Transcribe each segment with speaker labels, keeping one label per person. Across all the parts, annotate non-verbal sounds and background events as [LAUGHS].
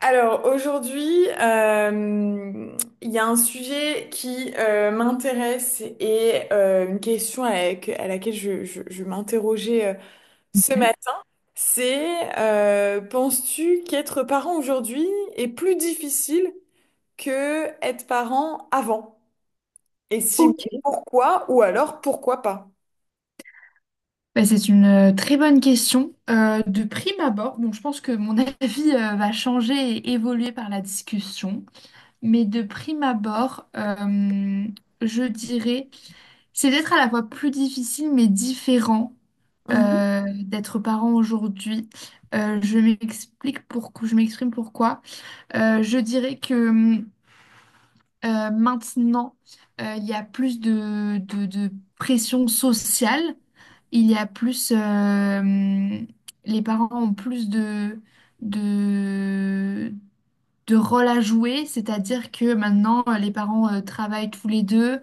Speaker 1: Alors aujourd'hui, il y a un sujet qui m'intéresse et une question à laquelle je m'interrogeais ce
Speaker 2: Hmm.
Speaker 1: matin. C'est, Penses-tu qu'être parent aujourd'hui est plus difficile que être parent avant? Et si oui,
Speaker 2: Ok.
Speaker 1: pourquoi? Ou alors pourquoi pas?
Speaker 2: C'est une très bonne question. De prime abord, bon, je pense que mon [LAUGHS] avis va changer et évoluer par la discussion, mais de prime abord, je dirais, c'est peut-être à la fois plus difficile mais différent d'être parent aujourd'hui. Je m'explique pourquoi, je m'exprime pourquoi. Je dirais que maintenant, il y a plus de pression sociale. Il y a plus, les parents ont plus de, de rôle à jouer. C'est-à-dire que maintenant, les parents travaillent tous les deux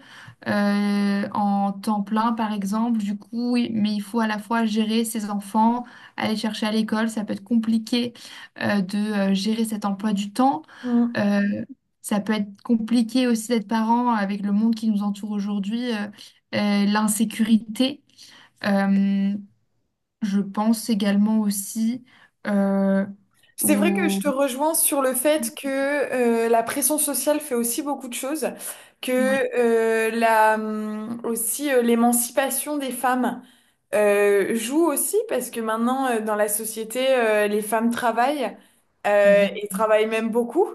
Speaker 2: en temps plein, par exemple. Du coup, oui, mais il faut à la fois gérer ses enfants, aller chercher à l'école. Ça peut être compliqué de gérer cet emploi du temps.
Speaker 1: Mhm.
Speaker 2: Euh, ça peut être compliqué aussi d'être parent avec le monde qui nous entoure aujourd'hui, l'insécurité. Euh, je pense également aussi euh,
Speaker 1: C'est vrai que je
Speaker 2: au...
Speaker 1: te rejoins sur le fait que la pression sociale fait aussi beaucoup de choses, que
Speaker 2: Oui,
Speaker 1: la, aussi l'émancipation des femmes joue aussi parce que maintenant dans la société les femmes travaillent et
Speaker 2: exactement.
Speaker 1: travaillent même beaucoup.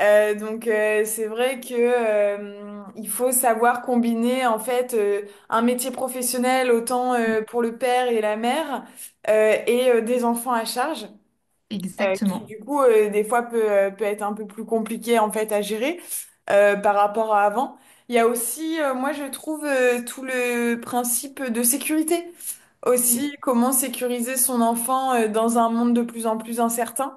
Speaker 1: Donc, c'est vrai que il faut savoir combiner en fait un métier professionnel autant pour le père et la mère et des enfants à charge qui
Speaker 2: Exactement.
Speaker 1: du coup des fois peut être un peu plus compliqué en fait à gérer par rapport à avant. Il y a aussi, moi je trouve, tout le principe de sécurité.
Speaker 2: Mm.
Speaker 1: Aussi, comment sécuriser son enfant dans un monde de plus en plus incertain,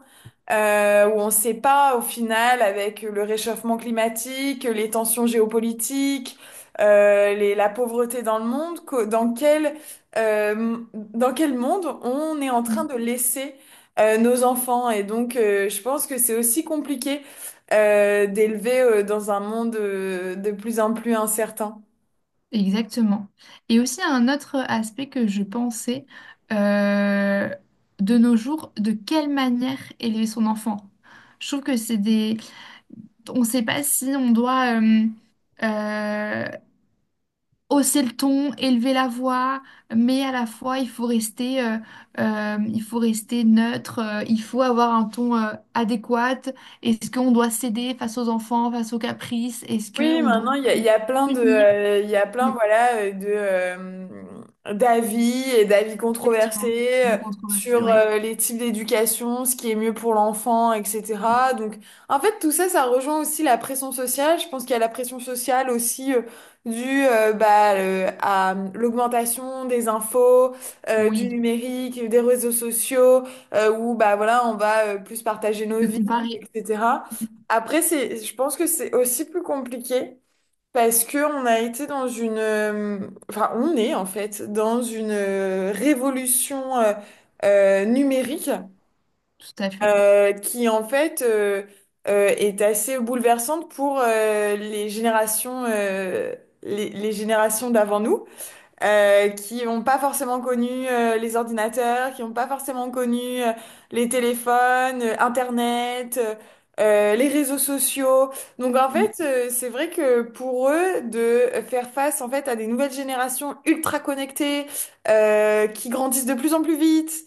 Speaker 1: où on ne sait pas au final avec le réchauffement climatique, les tensions géopolitiques, la pauvreté dans le monde, dans dans quel monde on est en train
Speaker 2: Mm.
Speaker 1: de laisser nos enfants. Et donc, je pense que c'est aussi compliqué d'élever dans un monde de plus en plus incertain.
Speaker 2: Exactement. Et aussi un autre aspect que je pensais, euh, de nos jours, de quelle manière élever son enfant? Je trouve que on ne sait pas si on doit... euh, hausser le ton, élever la voix, mais à la fois il faut rester, il faut rester neutre, il faut avoir un ton adéquat. Est-ce qu'on doit céder face aux enfants, face aux caprices? Est-ce
Speaker 1: Oui,
Speaker 2: qu'on doit
Speaker 1: maintenant, il y a plein de,
Speaker 2: punir?
Speaker 1: il y a plein,
Speaker 2: Oui.
Speaker 1: voilà, d'avis et d'avis
Speaker 2: Exactement.
Speaker 1: controversés
Speaker 2: Donc controversé,
Speaker 1: sur
Speaker 2: oui.
Speaker 1: les types d'éducation, ce qui est mieux pour l'enfant, etc. Donc, en fait, tout ça, ça rejoint aussi la pression sociale. Je pense qu'il y a la pression sociale aussi due à l'augmentation des infos, du
Speaker 2: Oui.
Speaker 1: numérique, des réseaux sociaux, où bah voilà, on va plus partager nos
Speaker 2: De
Speaker 1: vies,
Speaker 2: comparer.
Speaker 1: etc. Après, c'est, je pense que c'est aussi plus compliqué parce que on a été dans enfin, on est en fait dans une révolution numérique
Speaker 2: Tout à fait.
Speaker 1: qui en fait est assez bouleversante pour les générations, les générations d'avant nous qui n'ont pas forcément connu les ordinateurs, qui n'ont pas forcément connu les téléphones, Internet, les réseaux sociaux. Donc en
Speaker 2: Mm.
Speaker 1: fait, c'est vrai que pour eux, de faire face en fait à des nouvelles générations ultra connectées, qui grandissent de plus en plus vite.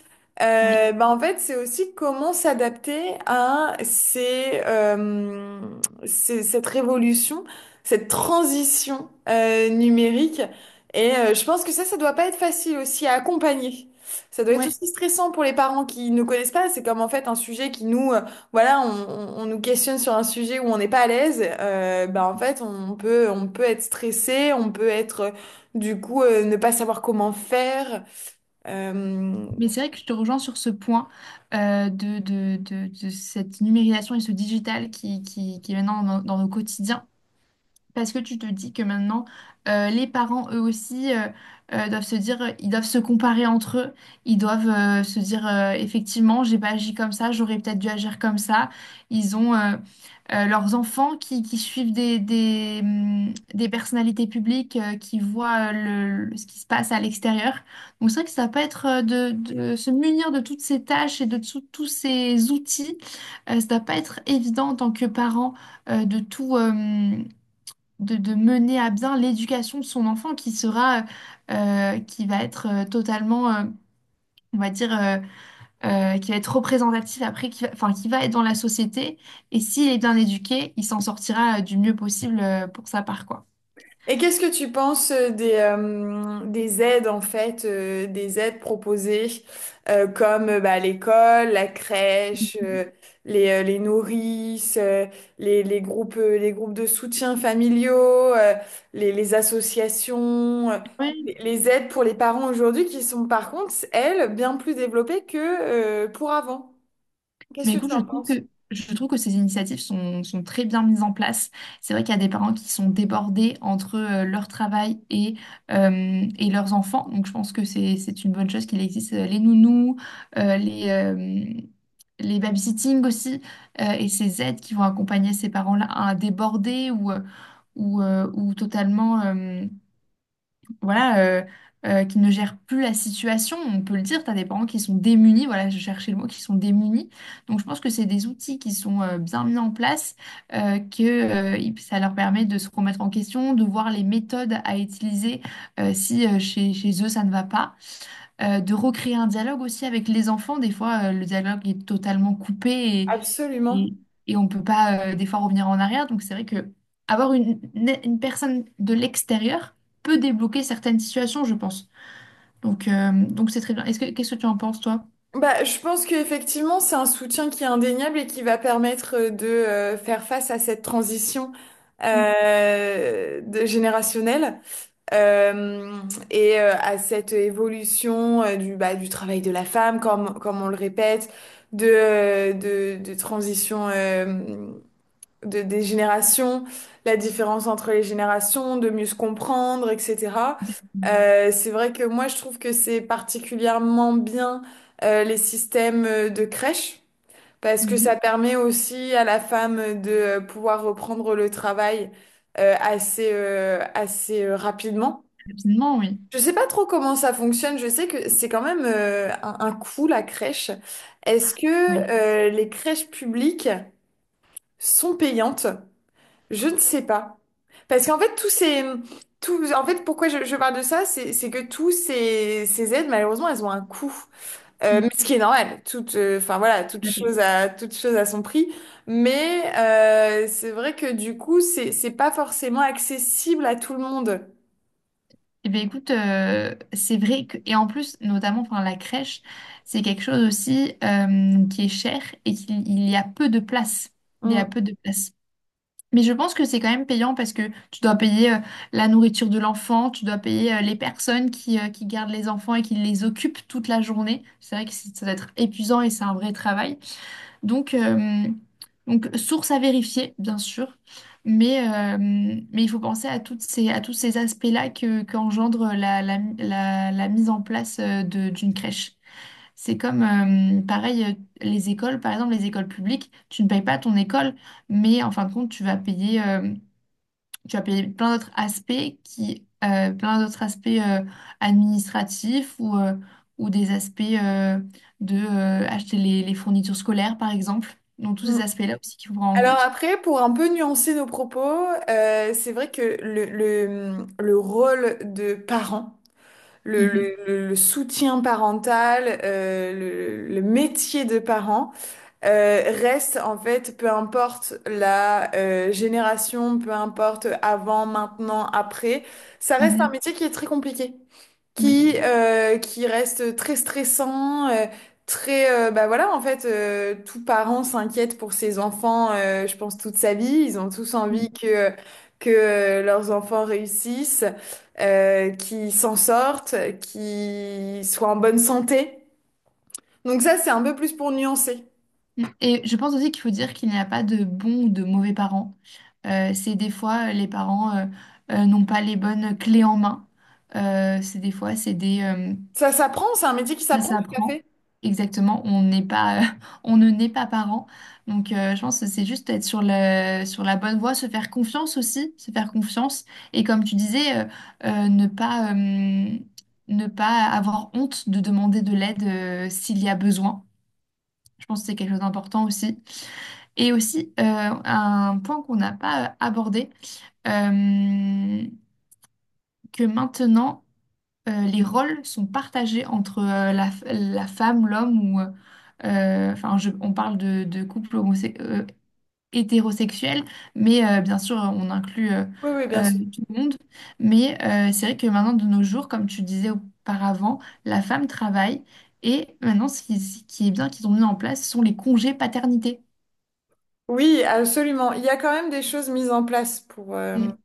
Speaker 2: Oui.
Speaker 1: Bah en fait, c'est aussi comment s'adapter à cette révolution, cette transition numérique. Et je pense que ça doit pas être facile aussi à accompagner. Ça doit être
Speaker 2: Ouais.
Speaker 1: aussi stressant pour les parents qui ne connaissent pas. C'est comme en fait un sujet qui voilà, on nous questionne sur un sujet où on n'est pas à l'aise. Bah en fait, on peut être stressé, on peut être du coup ne pas savoir comment faire. Euh,
Speaker 2: Mais c'est vrai que je te rejoins sur ce point de cette numérisation et ce digital qui est maintenant dans dans nos quotidiens. Parce que tu te dis que maintenant, les parents, eux aussi, doivent se dire, ils doivent se comparer entre eux. Ils doivent se dire, effectivement, j'ai pas agi comme ça, j'aurais peut-être dû agir comme ça. Ils ont leurs enfants qui suivent des des personnalités publiques, qui voient ce qui se passe à l'extérieur. Donc c'est vrai que ça peut être de se munir de toutes ces tâches et de tous ces outils. Ça doit pas être évident en tant que parent euh, de tout. euh, de mener à bien l'éducation de son enfant qui qui va être on va dire, qui va être représentatif après, qui va être dans la société. Et s'il est bien éduqué, il s'en sortira du mieux possible pour sa part, quoi.
Speaker 1: Et qu'est-ce que tu penses des aides, en fait, des aides proposées comme bah, l'école, la crèche, les nourrices, les groupes de soutien familiaux, euh, les associations, les aides pour les parents aujourd'hui qui sont par contre, elles, bien plus développées que pour avant.
Speaker 2: Mais
Speaker 1: Qu'est-ce que
Speaker 2: écoute,
Speaker 1: tu en penses?
Speaker 2: je trouve que ces initiatives sont très bien mises en place. C'est vrai qu'il y a des parents qui sont débordés entre leur travail et leurs enfants. Donc je pense que c'est une bonne chose qu'il existe les nounous, euh, les, euh, les babysitting aussi, et ces aides qui vont accompagner ces parents-là à déborder ou totalement... voilà, qui ne gèrent plus la situation. On peut le dire, tu as des parents qui sont démunis, voilà, je cherchais le mot, qui sont démunis. Donc je pense que c'est des outils qui sont bien mis en place, ça leur permet de se remettre en question, de voir les méthodes à utiliser si chez eux ça ne va pas de recréer un dialogue aussi avec les enfants. Des fois, le dialogue est totalement coupé
Speaker 1: Absolument.
Speaker 2: et, et on ne peut pas, des fois, revenir en arrière. Donc, c'est vrai que avoir une une personne de l'extérieur peut débloquer certaines situations, je pense. Donc c'est très bien. Qu'est-ce que tu en penses, toi?
Speaker 1: Bah, je pense qu'effectivement, c'est un soutien qui est indéniable et qui va permettre de faire face à cette transition générationnelle euh, et à cette évolution du, bah, du travail de la femme, comme, comme on le répète, de transition. Des générations, la différence entre les générations, de mieux se comprendre, etc.
Speaker 2: Mhm.
Speaker 1: C'est vrai que moi, je trouve que c'est particulièrement bien les systèmes de crèche, parce que ça
Speaker 2: Mhm.
Speaker 1: permet aussi à la femme de pouvoir reprendre le travail assez rapidement.
Speaker 2: Absolument, oui.
Speaker 1: Je sais pas trop comment ça fonctionne, je sais que c'est quand même un coût la crèche. Est-ce que
Speaker 2: Oui.
Speaker 1: les crèches publiques sont payantes? Je ne sais pas. Parce qu'en fait, tous, en fait, pourquoi je parle de ça, c'est que ces aides, malheureusement, elles ont un coût. Mais
Speaker 2: Mm,
Speaker 1: ce qui est normal. Enfin voilà,
Speaker 2: tout à fait.
Speaker 1: toute chose à son prix. Mais c'est vrai que du coup, c'est pas forcément accessible à tout le monde.
Speaker 2: Eh bien, écoute, c'est vrai que, et en plus, notamment, enfin, la crèche, c'est quelque chose aussi qui est cher et qu'il il y a peu de place. Il y a
Speaker 1: Mm,
Speaker 2: peu de place. Mais je pense que c'est quand même payant parce que tu dois payer la nourriture de l'enfant, tu dois payer les personnes qui gardent les enfants et qui les occupent toute la journée. C'est vrai que ça doit être épuisant et c'est un vrai travail. Donc, euh, donc source à vérifier, bien sûr, mais il faut penser à, à tous ces aspects-là que, qu'engendre la mise en place d'une crèche. C'est comme, pareil, les écoles, par exemple, les écoles publiques, tu ne payes pas ton école, mais en fin de compte, tu vas payer plein d'autres aspects qui, plein d'autres aspects administratifs ou des aspects de acheter les fournitures scolaires, par exemple. Donc, tous
Speaker 1: mm.
Speaker 2: ces aspects-là aussi qu'il faut prendre en
Speaker 1: Alors
Speaker 2: compte.
Speaker 1: après, pour un peu nuancer nos propos, c'est vrai que le rôle de parent,
Speaker 2: Mhm.
Speaker 1: le soutien parental, le métier de parent. Reste en fait, peu importe la génération, peu importe avant, maintenant, après, ça reste un
Speaker 2: Mhm.
Speaker 1: métier qui est très compliqué,
Speaker 2: Oui.
Speaker 1: qui reste très stressant, très bah voilà en fait, tout parent s'inquiète pour ses enfants, je pense toute sa vie, ils ont tous envie
Speaker 2: Mmh.
Speaker 1: que leurs enfants réussissent, qu'ils s'en sortent, qu'ils soient en bonne santé. Donc ça, c'est un peu plus pour nuancer.
Speaker 2: Et je pense aussi qu'il faut dire qu'il n'y a pas de bons ou de mauvais parents. C'est des fois les parents n'ont pas les bonnes clés en main. C'est des fois c'est des
Speaker 1: Ça s'apprend, c'est un métier qui
Speaker 2: ça
Speaker 1: s'apprend, tout à
Speaker 2: s'apprend.
Speaker 1: fait.
Speaker 2: Exactement, on n'est pas [LAUGHS] on ne naît pas parent. Je pense que c'est juste être sur le sur la bonne voie, se faire confiance aussi, se faire confiance et comme tu disais euh, ne pas euh, ne pas avoir honte de demander de l'aide s'il y a besoin. Je pense que c'est quelque chose d'important aussi. Et aussi, un point qu'on n'a pas abordé, euh, que maintenant, les rôles sont partagés entre la femme, l'homme. On parle de couple hétérosexuel, mais bien sûr, on inclut
Speaker 1: Oui, oui, bien sûr.
Speaker 2: tout le monde. Mais c'est vrai que maintenant, de nos jours, comme tu disais auparavant, la femme travaille. Et maintenant, ce qui est bien qu'ils ont mis en place, ce sont les congés paternité.
Speaker 1: Oui, absolument. Il y a quand même des choses mises en place pour...
Speaker 2: et-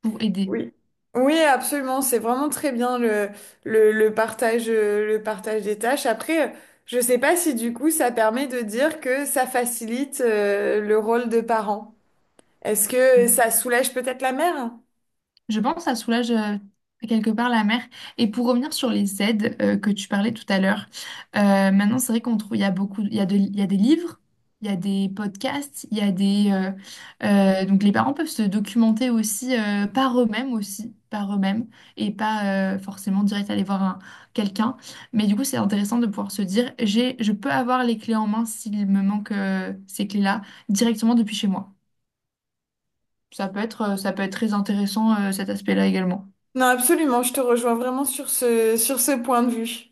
Speaker 2: pour aider.
Speaker 1: Oui. Oui, absolument. C'est vraiment très bien le partage des tâches. Après, je sais pas si du coup, ça permet de dire que ça facilite le rôle de parent. Est-ce que
Speaker 2: Mm.
Speaker 1: ça soulage peut-être la mère?
Speaker 2: Je pense que ça soulage quelque part la mère. Et pour revenir sur les aides que tu parlais tout à l'heure, maintenant c'est vrai qu'on trouve, il y a beaucoup, il y a des livres, il y a des podcasts, il y a des, donc les parents peuvent se documenter aussi par eux-mêmes aussi, par eux-mêmes et pas forcément direct aller voir quelqu'un. Mais du coup c'est intéressant de pouvoir se dire j'ai, je peux avoir les clés en main s'il me manque ces clés-là directement depuis chez moi. Ça peut être très intéressant, cet aspect-là également.
Speaker 1: Non, absolument. Je te rejoins vraiment sur sur ce point de vue.